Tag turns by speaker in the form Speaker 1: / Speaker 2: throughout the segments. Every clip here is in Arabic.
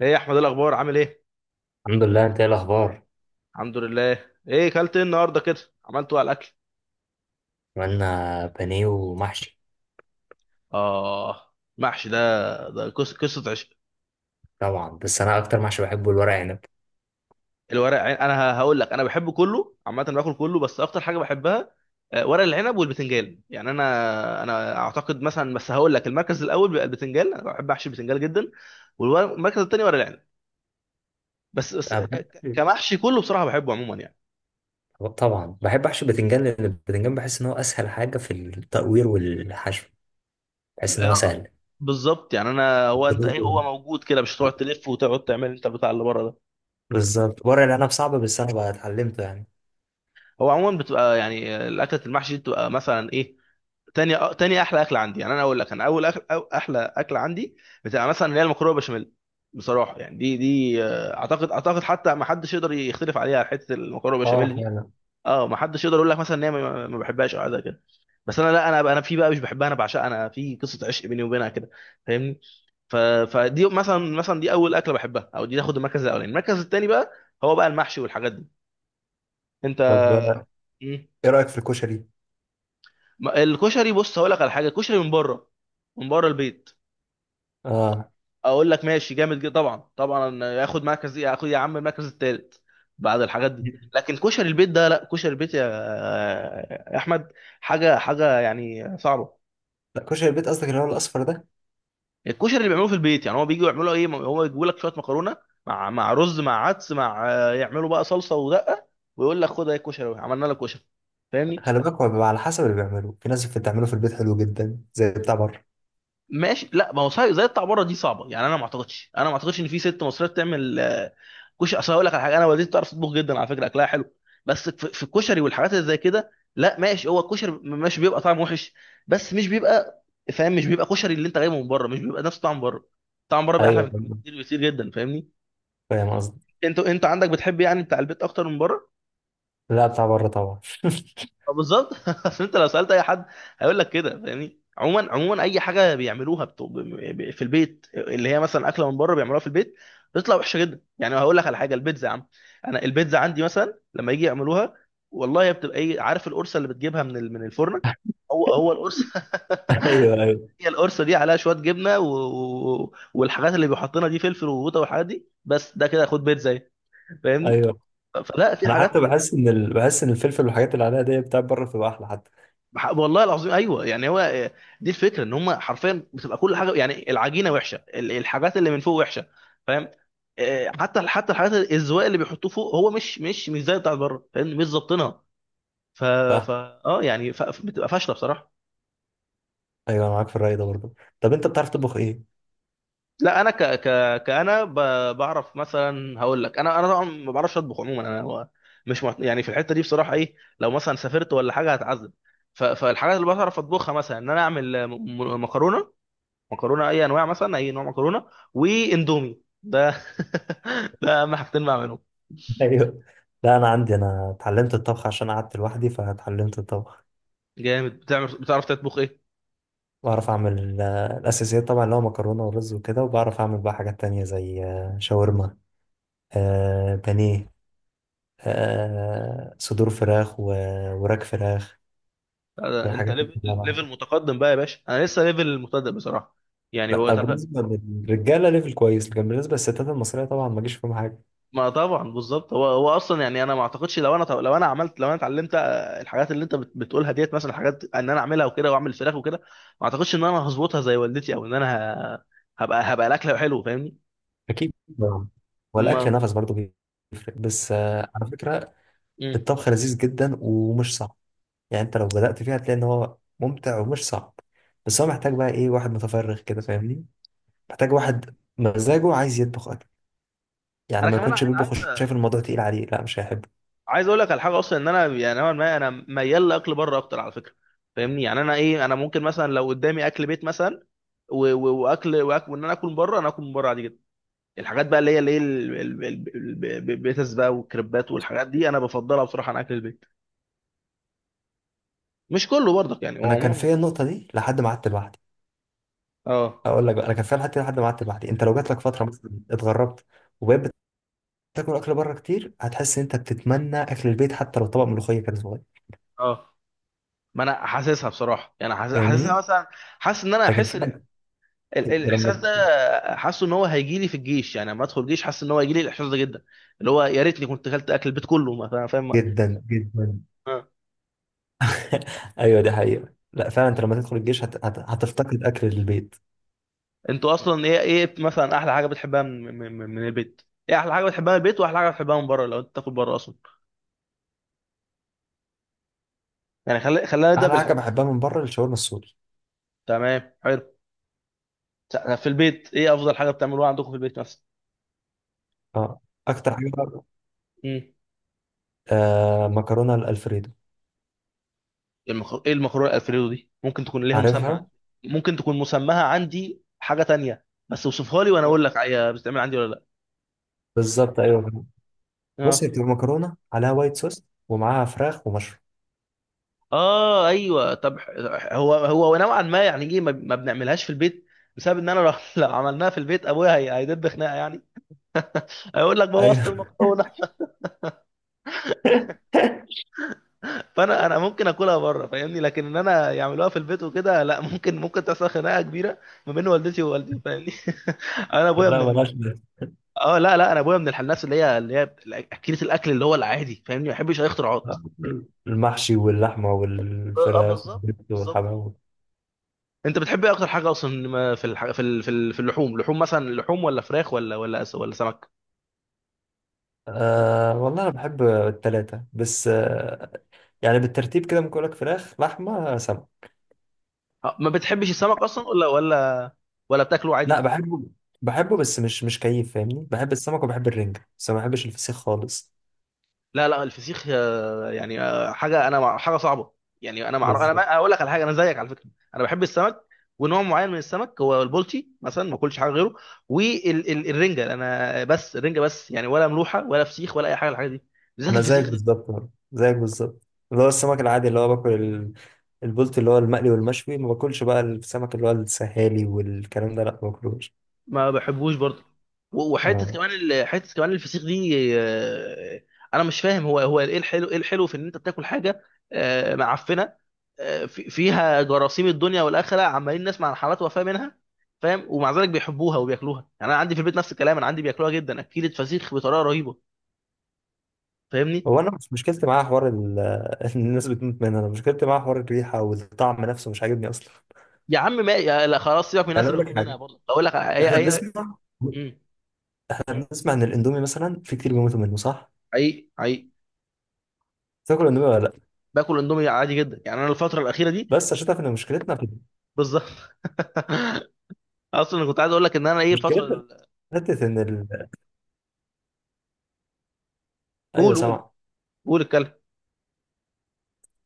Speaker 1: ايه يا احمد؟ إيه الاخبار؟ عامل ايه؟
Speaker 2: الحمد لله، انت ايه الاخبار؟
Speaker 1: الحمد لله. ايه كلت ايه النهارده كده؟ عملته على الاكل.
Speaker 2: عملنا بانيه ومحشي.
Speaker 1: اه، محشي ده، ده قصه عشق.
Speaker 2: طبعا، بس انا اكتر محشي بحبه الورق عنب.
Speaker 1: الورق عين، انا هقول لك انا بحبه كله عامه، باكل كله، بس اكتر حاجه بحبها، ورق العنب والبتنجان. يعني انا اعتقد مثلا، بس هقول لك، المركز الاول بيبقى البتنجان. انا بحب احشي البتنجان جدا. والمركز الثاني ورق العنب. بس
Speaker 2: انا بحب،
Speaker 1: كمحشي كله بصراحه بحبه عموما يعني.
Speaker 2: طبعا بحب احشي بتنجان لان البتنجان بحس ان هو اسهل حاجه في التقوير والحشو. بحس ان هو
Speaker 1: آه،
Speaker 2: سهل.
Speaker 1: بالظبط، يعني انا هو انت ايه، هو موجود كده، مش هتقعد تلف وتقعد تعمل انت البتاع اللي بره ده.
Speaker 2: بالظبط، ورق العنب صعب بس انا بقى اتعلمته يعني.
Speaker 1: هو عموما بتبقى يعني الاكله المحشي دي بتبقى مثلا ايه، تاني احلى اكله عندي. يعني انا اقول لك، انا اول أكل أو احلى اكله عندي بتبقى مثلا اللي هي المكرونه بشاميل. بصراحه يعني دي اعتقد حتى ما حدش يقدر يختلف عليها، حته المكرونه
Speaker 2: اه
Speaker 1: بشاميل دي.
Speaker 2: فعلا.
Speaker 1: اه ما حدش يقدر يقول لك مثلا ان هي ما بحبهاش او حاجه زي كده. بس انا لا، انا في بقى مش بحبها، انا بعشقها، انا في قصه عشق بيني وبينها كده. فاهمني؟ ف... فدي مثلا، دي اول اكله بحبها، او دي تاخد المركز الاولاني. المركز الثاني بقى هو بقى المحشي والحاجات دي. انت.
Speaker 2: طب
Speaker 1: مم.
Speaker 2: ايه رايك في الكشري؟
Speaker 1: الكشري، بص هقول لك على حاجه، الكشري من بره، من بره البيت،
Speaker 2: اه.
Speaker 1: اقول لك ماشي جامد جدا، طبعا طبعا ياخد مركز، ياخد يا عم المركز الثالث بعد الحاجات دي. لكن كشري البيت ده لا، كشري البيت يا يا احمد حاجه، حاجه يعني صعبه.
Speaker 2: لا كشري البيت قصدك اللي هو الاصفر ده؟
Speaker 1: الكشري اللي بيعملوه في البيت، يعني هو بيجوا يعملوا ايه، هو يجيبوا لك شويه مكرونه مع رز مع عدس مع، يعملوا بقى صلصه ودقه، ويقول لك خد اهي الكشري أهو، عملنا لك كشري. فاهمني؟
Speaker 2: خلي بالك، هو بيبقى على حسب اللي بيعمله. في ناس بتعمله في البيت حلو جدا زي بتاع بره.
Speaker 1: ماشي، لا ما هو صحيح، زي بتاع بره دي صعبه، يعني انا ما اعتقدش، انا ما اعتقدش ان في ست مصريه بتعمل كشري. اصل هقول لك على حاجه، انا والدتي بتعرف تطبخ جدا على فكره، اكلها حلو، بس في الكشري والحاجات اللي زي كده لا. ماشي هو الكشري ماشي، بيبقى طعم وحش، بس مش بيبقى، فاهم، مش بيبقى كشري. اللي انت جايبه من بره مش بيبقى نفس طعم بره. طعم بره بيبقى احلى
Speaker 2: ايوه،
Speaker 1: بكتير، بكتير جدا. فاهمني؟
Speaker 2: فاهم قصدي.
Speaker 1: انت عندك بتحب يعني بتاع البيت اكتر من بره؟
Speaker 2: لا بتاع بره طبعا.
Speaker 1: بالظبط. عشان انت لو سالت اي حد هيقول لك كده، فاهمني. عموما اي حاجه بيعملوها في البيت، اللي هي مثلا اكله من بره بيعملوها في البيت، بتطلع وحشه جدا. يعني هقول لك على حاجه، البيتزا يا عم، انا البيتزا عندي مثلا لما يجي يعملوها، والله هي بتبقى ايه، عارف القرصه اللي بتجيبها من من الفرن، هو القرص
Speaker 2: ايوه ايوه
Speaker 1: هي القرصه دي عليها شويه جبنه والحاجات اللي بيحطنا دي، فلفل وقوطه والحاجات دي، بس ده كده خد بيتزا اهي. فاهمني؟
Speaker 2: ايوه.
Speaker 1: فلا، في
Speaker 2: انا
Speaker 1: حاجات.
Speaker 2: حتى بحس ان بحس ان الفلفل والحاجات اللي عليها دي بتاع بره بتبقى احلى حتى.
Speaker 1: والله العظيم ايوه يعني هو دي الفكره، ان هم حرفيا بتبقى كل حاجه يعني، العجينه وحشه، الحاجات اللي من فوق وحشه، فاهم. حتى الحاجات الزواق اللي بيحطوه فوق هو مش مش زي بتاعت بره، فاهم، مش ظابطينها. ف،
Speaker 2: صح.
Speaker 1: اه يعني، بتبقى فاشله بصراحه.
Speaker 2: ايوه، انا معاك في الراي ده برضه. طب انت بتعرف تطبخ ايه؟
Speaker 1: لا انا ك ك كانا ب... بعرف مثلا، هقول لك، انا طبعا ما بعرفش اطبخ عموما، انا هو مش يعني في الحته دي بصراحه، ايه لو مثلا سافرت ولا حاجه هتعذب. فالحاجات اللي بعرف اطبخها مثلا ان انا اعمل مكرونه، مكرونه اي انواع، مثلا اي نوع مكرونه، واندومي ده. ده اهم حاجتين بعملهم.
Speaker 2: ايوه. لا انا عندي، انا اتعلمت الطبخ عشان قعدت لوحدي فاتعلمت الطبخ.
Speaker 1: جامد، بتعمل، بتعرف تطبخ ايه؟
Speaker 2: بعرف اعمل الاساسيات طبعا اللي هو مكرونه ورز وكده، وبعرف اعمل بقى حاجات تانية زي شاورما، بانيه، صدور فراخ وراك فراخ
Speaker 1: ده انت
Speaker 2: والحاجات دي
Speaker 1: ليفل،
Speaker 2: كلها
Speaker 1: ليفل
Speaker 2: بعرفها.
Speaker 1: متقدم بقى يا باشا، انا لسه ليفل مبتدئ بصراحه. يعني هو
Speaker 2: لا
Speaker 1: طب
Speaker 2: بالنسبه للرجاله ليفل كويس، لكن بالنسبه للستات المصريه طبعا ما جيش فيهم حاجه.
Speaker 1: ما، طبعا بالظبط، هو اصلا، يعني انا ما اعتقدش لو انا، لو انا عملت، لو انا اتعلمت الحاجات اللي انت بتقولها ديت، مثلا حاجات ان انا اعملها وكده واعمل فراخ وكده، ما اعتقدش ان انا هظبطها زي والدتي، او ان انا ه- هبقى الاكله حلو. فاهمني؟
Speaker 2: اكيد طبعاً.
Speaker 1: ما،
Speaker 2: والاكل نفس برضه بيفرق بس، على فكره
Speaker 1: مم.
Speaker 2: الطبخ لذيذ جدا ومش صعب. يعني انت لو بدات فيها هتلاقي ان هو ممتع ومش صعب، بس هو محتاج بقى ايه، واحد متفرغ كده، فاهمني؟ محتاج واحد مزاجه عايز يطبخ اكل. يعني
Speaker 1: انا
Speaker 2: ما
Speaker 1: كمان
Speaker 2: يكونش
Speaker 1: انا
Speaker 2: بيطبخ
Speaker 1: عايز،
Speaker 2: وشايف الموضوع تقيل عليه، لا مش هيحبه.
Speaker 1: عايز اقول لك على حاجه اصلا، ان انا يعني نوعا ما، انا ميال لاكل بره اكتر على فكره، فاهمني. يعني انا ايه، انا ممكن مثلا لو قدامي اكل بيت مثلا، واكل، واكل، وان انا اكل من بره، انا اكل من بره عادي جدا. الحاجات بقى اللي هي، ال- بيتس بقى والكريبات والحاجات دي، انا بفضلها بصراحه عن اكل البيت. مش كله برضك يعني
Speaker 2: انا
Speaker 1: هو
Speaker 2: كان
Speaker 1: مش.
Speaker 2: فيا النقطه دي لحد ما قعدت لوحدي.
Speaker 1: اه،
Speaker 2: اقول لك بقى، انا كان فيها لحد ما قعدت لوحدي. انت لو جات لك فتره مثلا اتغربت وبقيت بتاكل اكل بره كتير، هتحس ان انت بتتمنى اكل البيت حتى لو طبق ملوخيه كان صغير،
Speaker 1: اه. ما انا حاسسها بصراحه، يعني حاسسها
Speaker 2: فاهمني؟
Speaker 1: مثلا، حاسس ان انا
Speaker 2: لكن
Speaker 1: احس
Speaker 2: فعلا انت
Speaker 1: الاحساس
Speaker 2: لما،
Speaker 1: ده. حاسه ان هو هيجي لي في الجيش، يعني لما ادخل الجيش حاسس ان هو هيجي لي الاحساس ده جدا، اللي هو يا ريتني كنت اكلت اكل البيت كله مثلا. فاهم؟
Speaker 2: جدا جدا.
Speaker 1: آه.
Speaker 2: ايوه، دي حقيقة. لا فعلا، انت لما تدخل الجيش هتفتقد اكل البيت.
Speaker 1: انتوا اصلا ايه، ايه مثلا احلى حاجه بتحبها من من البيت؟ ايه احلى حاجه بتحبها من البيت، واحلى حاجه بتحبها من بره لو انت تاكل بره اصلا. يعني خلينا نبدا
Speaker 2: احلى حاجة
Speaker 1: بالحب.
Speaker 2: بحبها من بره الشاورما السوري.
Speaker 1: تمام، حلو. في البيت ايه افضل حاجه بتعملوها عندكم في البيت مثلا؟
Speaker 2: اه اكتر حاجة بقى،
Speaker 1: امم
Speaker 2: آه مكرونة الالفريدو.
Speaker 1: ايه المكرونه الالفريدو دي، ممكن تكون ليها مسمى
Speaker 2: عارفها.
Speaker 1: عندي، ممكن تكون مسماها عندي حاجه تانية، بس اوصفها لي وانا اقول لك هي بتتعمل عندي ولا لا.
Speaker 2: بالظبط، ايوه. بص هي
Speaker 1: اه.
Speaker 2: بتبقى مكرونة عليها وايت صوص ومعاها فراخ ومشروم.
Speaker 1: اه ايوه، طب هو نوعا ما، يعني ايه ما بنعملهاش في البيت، بسبب ان انا لو لو عملناها في البيت ابويا هيدب خناقه يعني، هيقول لك بوظت
Speaker 2: ايوه.
Speaker 1: المكرونه فانا، انا ممكن اكلها بره فاهمني، لكن ان انا يعملوها في البيت وكده لا، ممكن تحصل خناقه كبيره ما بين والدتي ووالدي، فاهمني. انا ابويا من
Speaker 2: لا ملهاش لازمة.
Speaker 1: اه لا، لا، انا ابويا من الناس اللي هي، اكله الاكل اللي هو العادي، فاهمني، ما بيحبش اي اختراعات.
Speaker 2: آه. المحشي واللحمة
Speaker 1: اه،
Speaker 2: والفراخ
Speaker 1: بالظبط،
Speaker 2: والبيض
Speaker 1: بالظبط.
Speaker 2: والحمام.
Speaker 1: انت بتحب ايه اكتر حاجه اصلا، ما في في في في اللحوم، لحوم مثلا، لحوم ولا فراخ، ولا ولا سمك؟
Speaker 2: أه والله انا بحب التلاتة، بس أه يعني بالترتيب كده ممكن اقول لك فراخ لحمة سمك.
Speaker 1: ما بتحبش السمك اصلا، ولا ولا بتاكله
Speaker 2: لا
Speaker 1: عادي؟
Speaker 2: بحبه، بحبه بس مش مش كيف، فاهمني؟ بحب السمك وبحب الرنجة بس ما بحبش الفسيخ خالص.
Speaker 1: لا لا، الفسيخ يعني حاجه انا حاجه صعبه. يعني انا انا
Speaker 2: بالظبط،
Speaker 1: ما... اقول لك على حاجه، انا زيك على فكره، انا بحب السمك، ونوع معين من السمك هو البولتي مثلا ما اكلش حاجه غيره، والرنجه انا بس، الرنجه بس، يعني ولا ملوحه ولا فسيخ ولا اي حاجه من الحاجات دي، بالذات
Speaker 2: انا زيك
Speaker 1: الفسيخ ده.
Speaker 2: بالظبط برضه، زيك بالظبط. اللي هو السمك العادي اللي هو باكل البولت اللي هو المقلي والمشوي. ما باكلش بقى السمك اللي هو السهالي والكلام ده، لا ما باكلوش.
Speaker 1: ما بحبوش برضه. وحته
Speaker 2: آه.
Speaker 1: كمان حته كمان الفسيخ دي انا مش فاهم هو، هو ايه الحلو، ايه الحلو في ان انت بتاكل حاجه معفنه، فيها جراثيم الدنيا والاخره، عمالين نسمع عن حالات وفاه منها، فاهم، ومع ذلك بيحبوها وبياكلوها. يعني انا عندي في البيت نفس الكلام، انا عندي بياكلوها جدا، اكيلة فسيخ بطريقه رهيبه، فاهمني.
Speaker 2: هو انا مش مشكلتي معاه حوار الناس بتموت منها. انا مشكلتي معاه حوار الريحة والطعم نفسه مش عاجبني اصلا.
Speaker 1: يا عم ما، يا لا خلاص سيبك من
Speaker 2: يعني
Speaker 1: الناس،
Speaker 2: اقول
Speaker 1: اللي
Speaker 2: لك
Speaker 1: بتكون هنا
Speaker 2: حاجة،
Speaker 1: برضه بقول لك اي
Speaker 2: احنا
Speaker 1: اي.
Speaker 2: بنسمع
Speaker 1: مم.
Speaker 2: احنا بنسمع ان الاندومي مثلا في كتير بيموتوا منه، صح؟
Speaker 1: حقيقي، حقيقي.
Speaker 2: تاكل اندومي ولا لا؟
Speaker 1: باكل اندومي عادي جدا، يعني انا الفتره الاخيره دي.
Speaker 2: بس عشان تعرف ان مشكلتنا في،
Speaker 1: بالظبط. اصلا أنا كنت عايز اقول لك ان انا ايه، الفتره
Speaker 2: مشكلتنا في حته ان ايوه
Speaker 1: قول، قول،
Speaker 2: سامع.
Speaker 1: قول الكلام.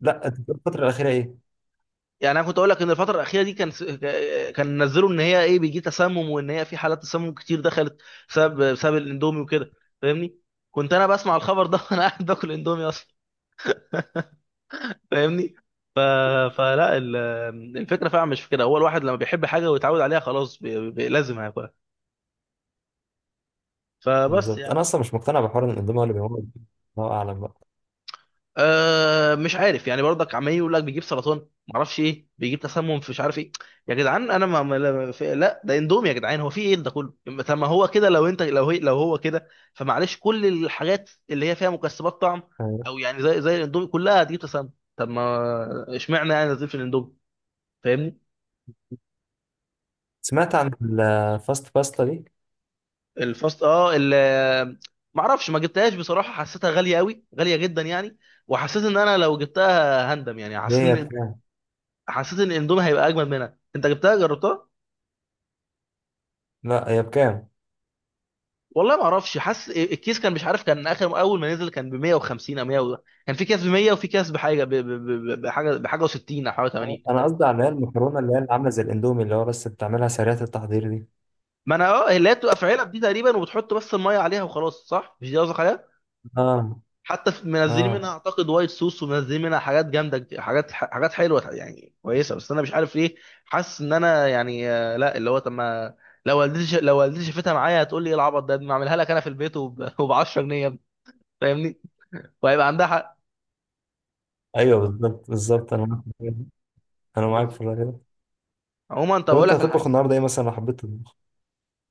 Speaker 2: لا انت بتقول الفتره الاخيره ايه؟
Speaker 1: يعني انا كنت اقول لك ان الفتره الاخيره دي كان كان نزلوا ان هي ايه، بيجي تسمم، وان هي في حالات تسمم كتير دخلت بسبب الاندومي وكده، فاهمني. كنت انا بسمع الخبر ده وانا قاعد باكل اندومي اصلا، فاهمني. ف... فلا، الفكره فعلا مش في كده، هو الواحد لما بيحب حاجه ويتعود عليها خلاص لازم هياكلها. فبس
Speaker 2: بالظبط.
Speaker 1: يعني.
Speaker 2: انا اصلا مش مقتنع بحوار ان الاندومي هو اللي بيموت، الله اعلم بقى.
Speaker 1: أه مش عارف، يعني برضك عمال يقول لك بيجيب سرطان، معرفش ايه، بيجيب تسمم، في مش عارف ايه. يا جدعان انا لا لا، ده اندومي يا جدعان، هو في ايه ده كله. طب ما هو كده، لو انت لو هي لو هو كده، فمعلش كل الحاجات اللي هي فيها مكسبات طعم،
Speaker 2: آه،
Speaker 1: او يعني زي الاندومي كلها هتجيب تسمم. طب ما، اشمعنى يعني نزيل في الاندومي، فاهمني.
Speaker 2: سمعت عن الفاست باستا دي؟
Speaker 1: الفاست اه ال، معرفش، ما جبتهاش بصراحه، حسيتها غاليه قوي، غاليه جدا يعني، وحسيت ان انا لو جبتها هندم، يعني
Speaker 2: دي
Speaker 1: حسيت
Speaker 2: هي
Speaker 1: ان،
Speaker 2: بكام؟
Speaker 1: حسيت ان الاندومي هيبقى اجمد منها. انت جبتها جربتها؟
Speaker 2: لا هي بكام؟
Speaker 1: والله ما اعرفش حاسس إيه، الكيس كان مش عارف، كان اخر اول ما نزل كان ب 150 او 100 و- كان في كيس ب 100 وفي كيس بحاجه بحاجه بحاجه و60 او حاجه 80.
Speaker 2: انا قصدي على اللي هي المكرونه اللي هي اللي عامله زي الاندومي اللي هو بس بتعملها سريعه التحضير دي.
Speaker 1: ما انا اه، اللي هي بتبقى في علب دي تقريبا، وبتحط بس الميه عليها وخلاص، صح؟ مش دي قصدك عليها؟
Speaker 2: اه.
Speaker 1: حتى منزلين منها
Speaker 2: اه.
Speaker 1: اعتقد وايت صوص، ومنزلين منها حاجات جامده حاجات، حاجات حلوه يعني، كويسه، بس انا مش عارف ليه حاسس ان انا يعني لا، اللي هو طب ما، لو والدتي لو والدتي شافتها معايا هتقول لي ايه العبط ده، ما اعملها لك انا في البيت وب 10 جنيه، فاهمني، وهيبقى عندها حق.
Speaker 2: ايوه بالظبط بالظبط، انا معاك، انا معاك في
Speaker 1: بالظبط.
Speaker 2: الراي ده.
Speaker 1: عموما طب
Speaker 2: طب
Speaker 1: اقول
Speaker 2: انت
Speaker 1: لك على
Speaker 2: هتطبخ
Speaker 1: حاجه.
Speaker 2: النهارده ايه، مثلا لو حبيت تطبخ؟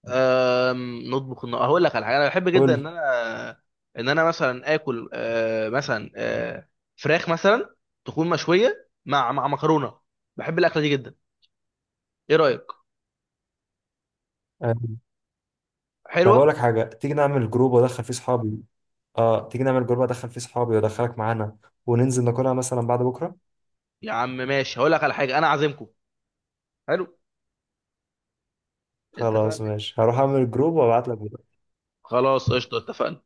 Speaker 1: هقول لك على حاجه، انا بحب
Speaker 2: قول
Speaker 1: جدا ان
Speaker 2: لي.
Speaker 1: انا، ان انا مثلا اكل مثلا فراخ مثلا، تكون مشويه مع مع مكرونه، بحب الاكله دي جدا. ايه رايك؟
Speaker 2: آه. طب
Speaker 1: حلوه.
Speaker 2: اقول لك حاجه، تيجي نعمل جروب وادخل فيه صحابي. اه تيجي نعمل جروب ادخل فيه صحابي وادخلك معانا وننزل ناكلها مثلا بعد بكره.
Speaker 1: يا عم ماشي، هقول لك على حاجه انا عازمكم. حلو.
Speaker 2: خلاص
Speaker 1: اتفقنا.
Speaker 2: ماشي، هروح اعمل جروب وابعت لك
Speaker 1: خلاص قشطه، اتفقنا.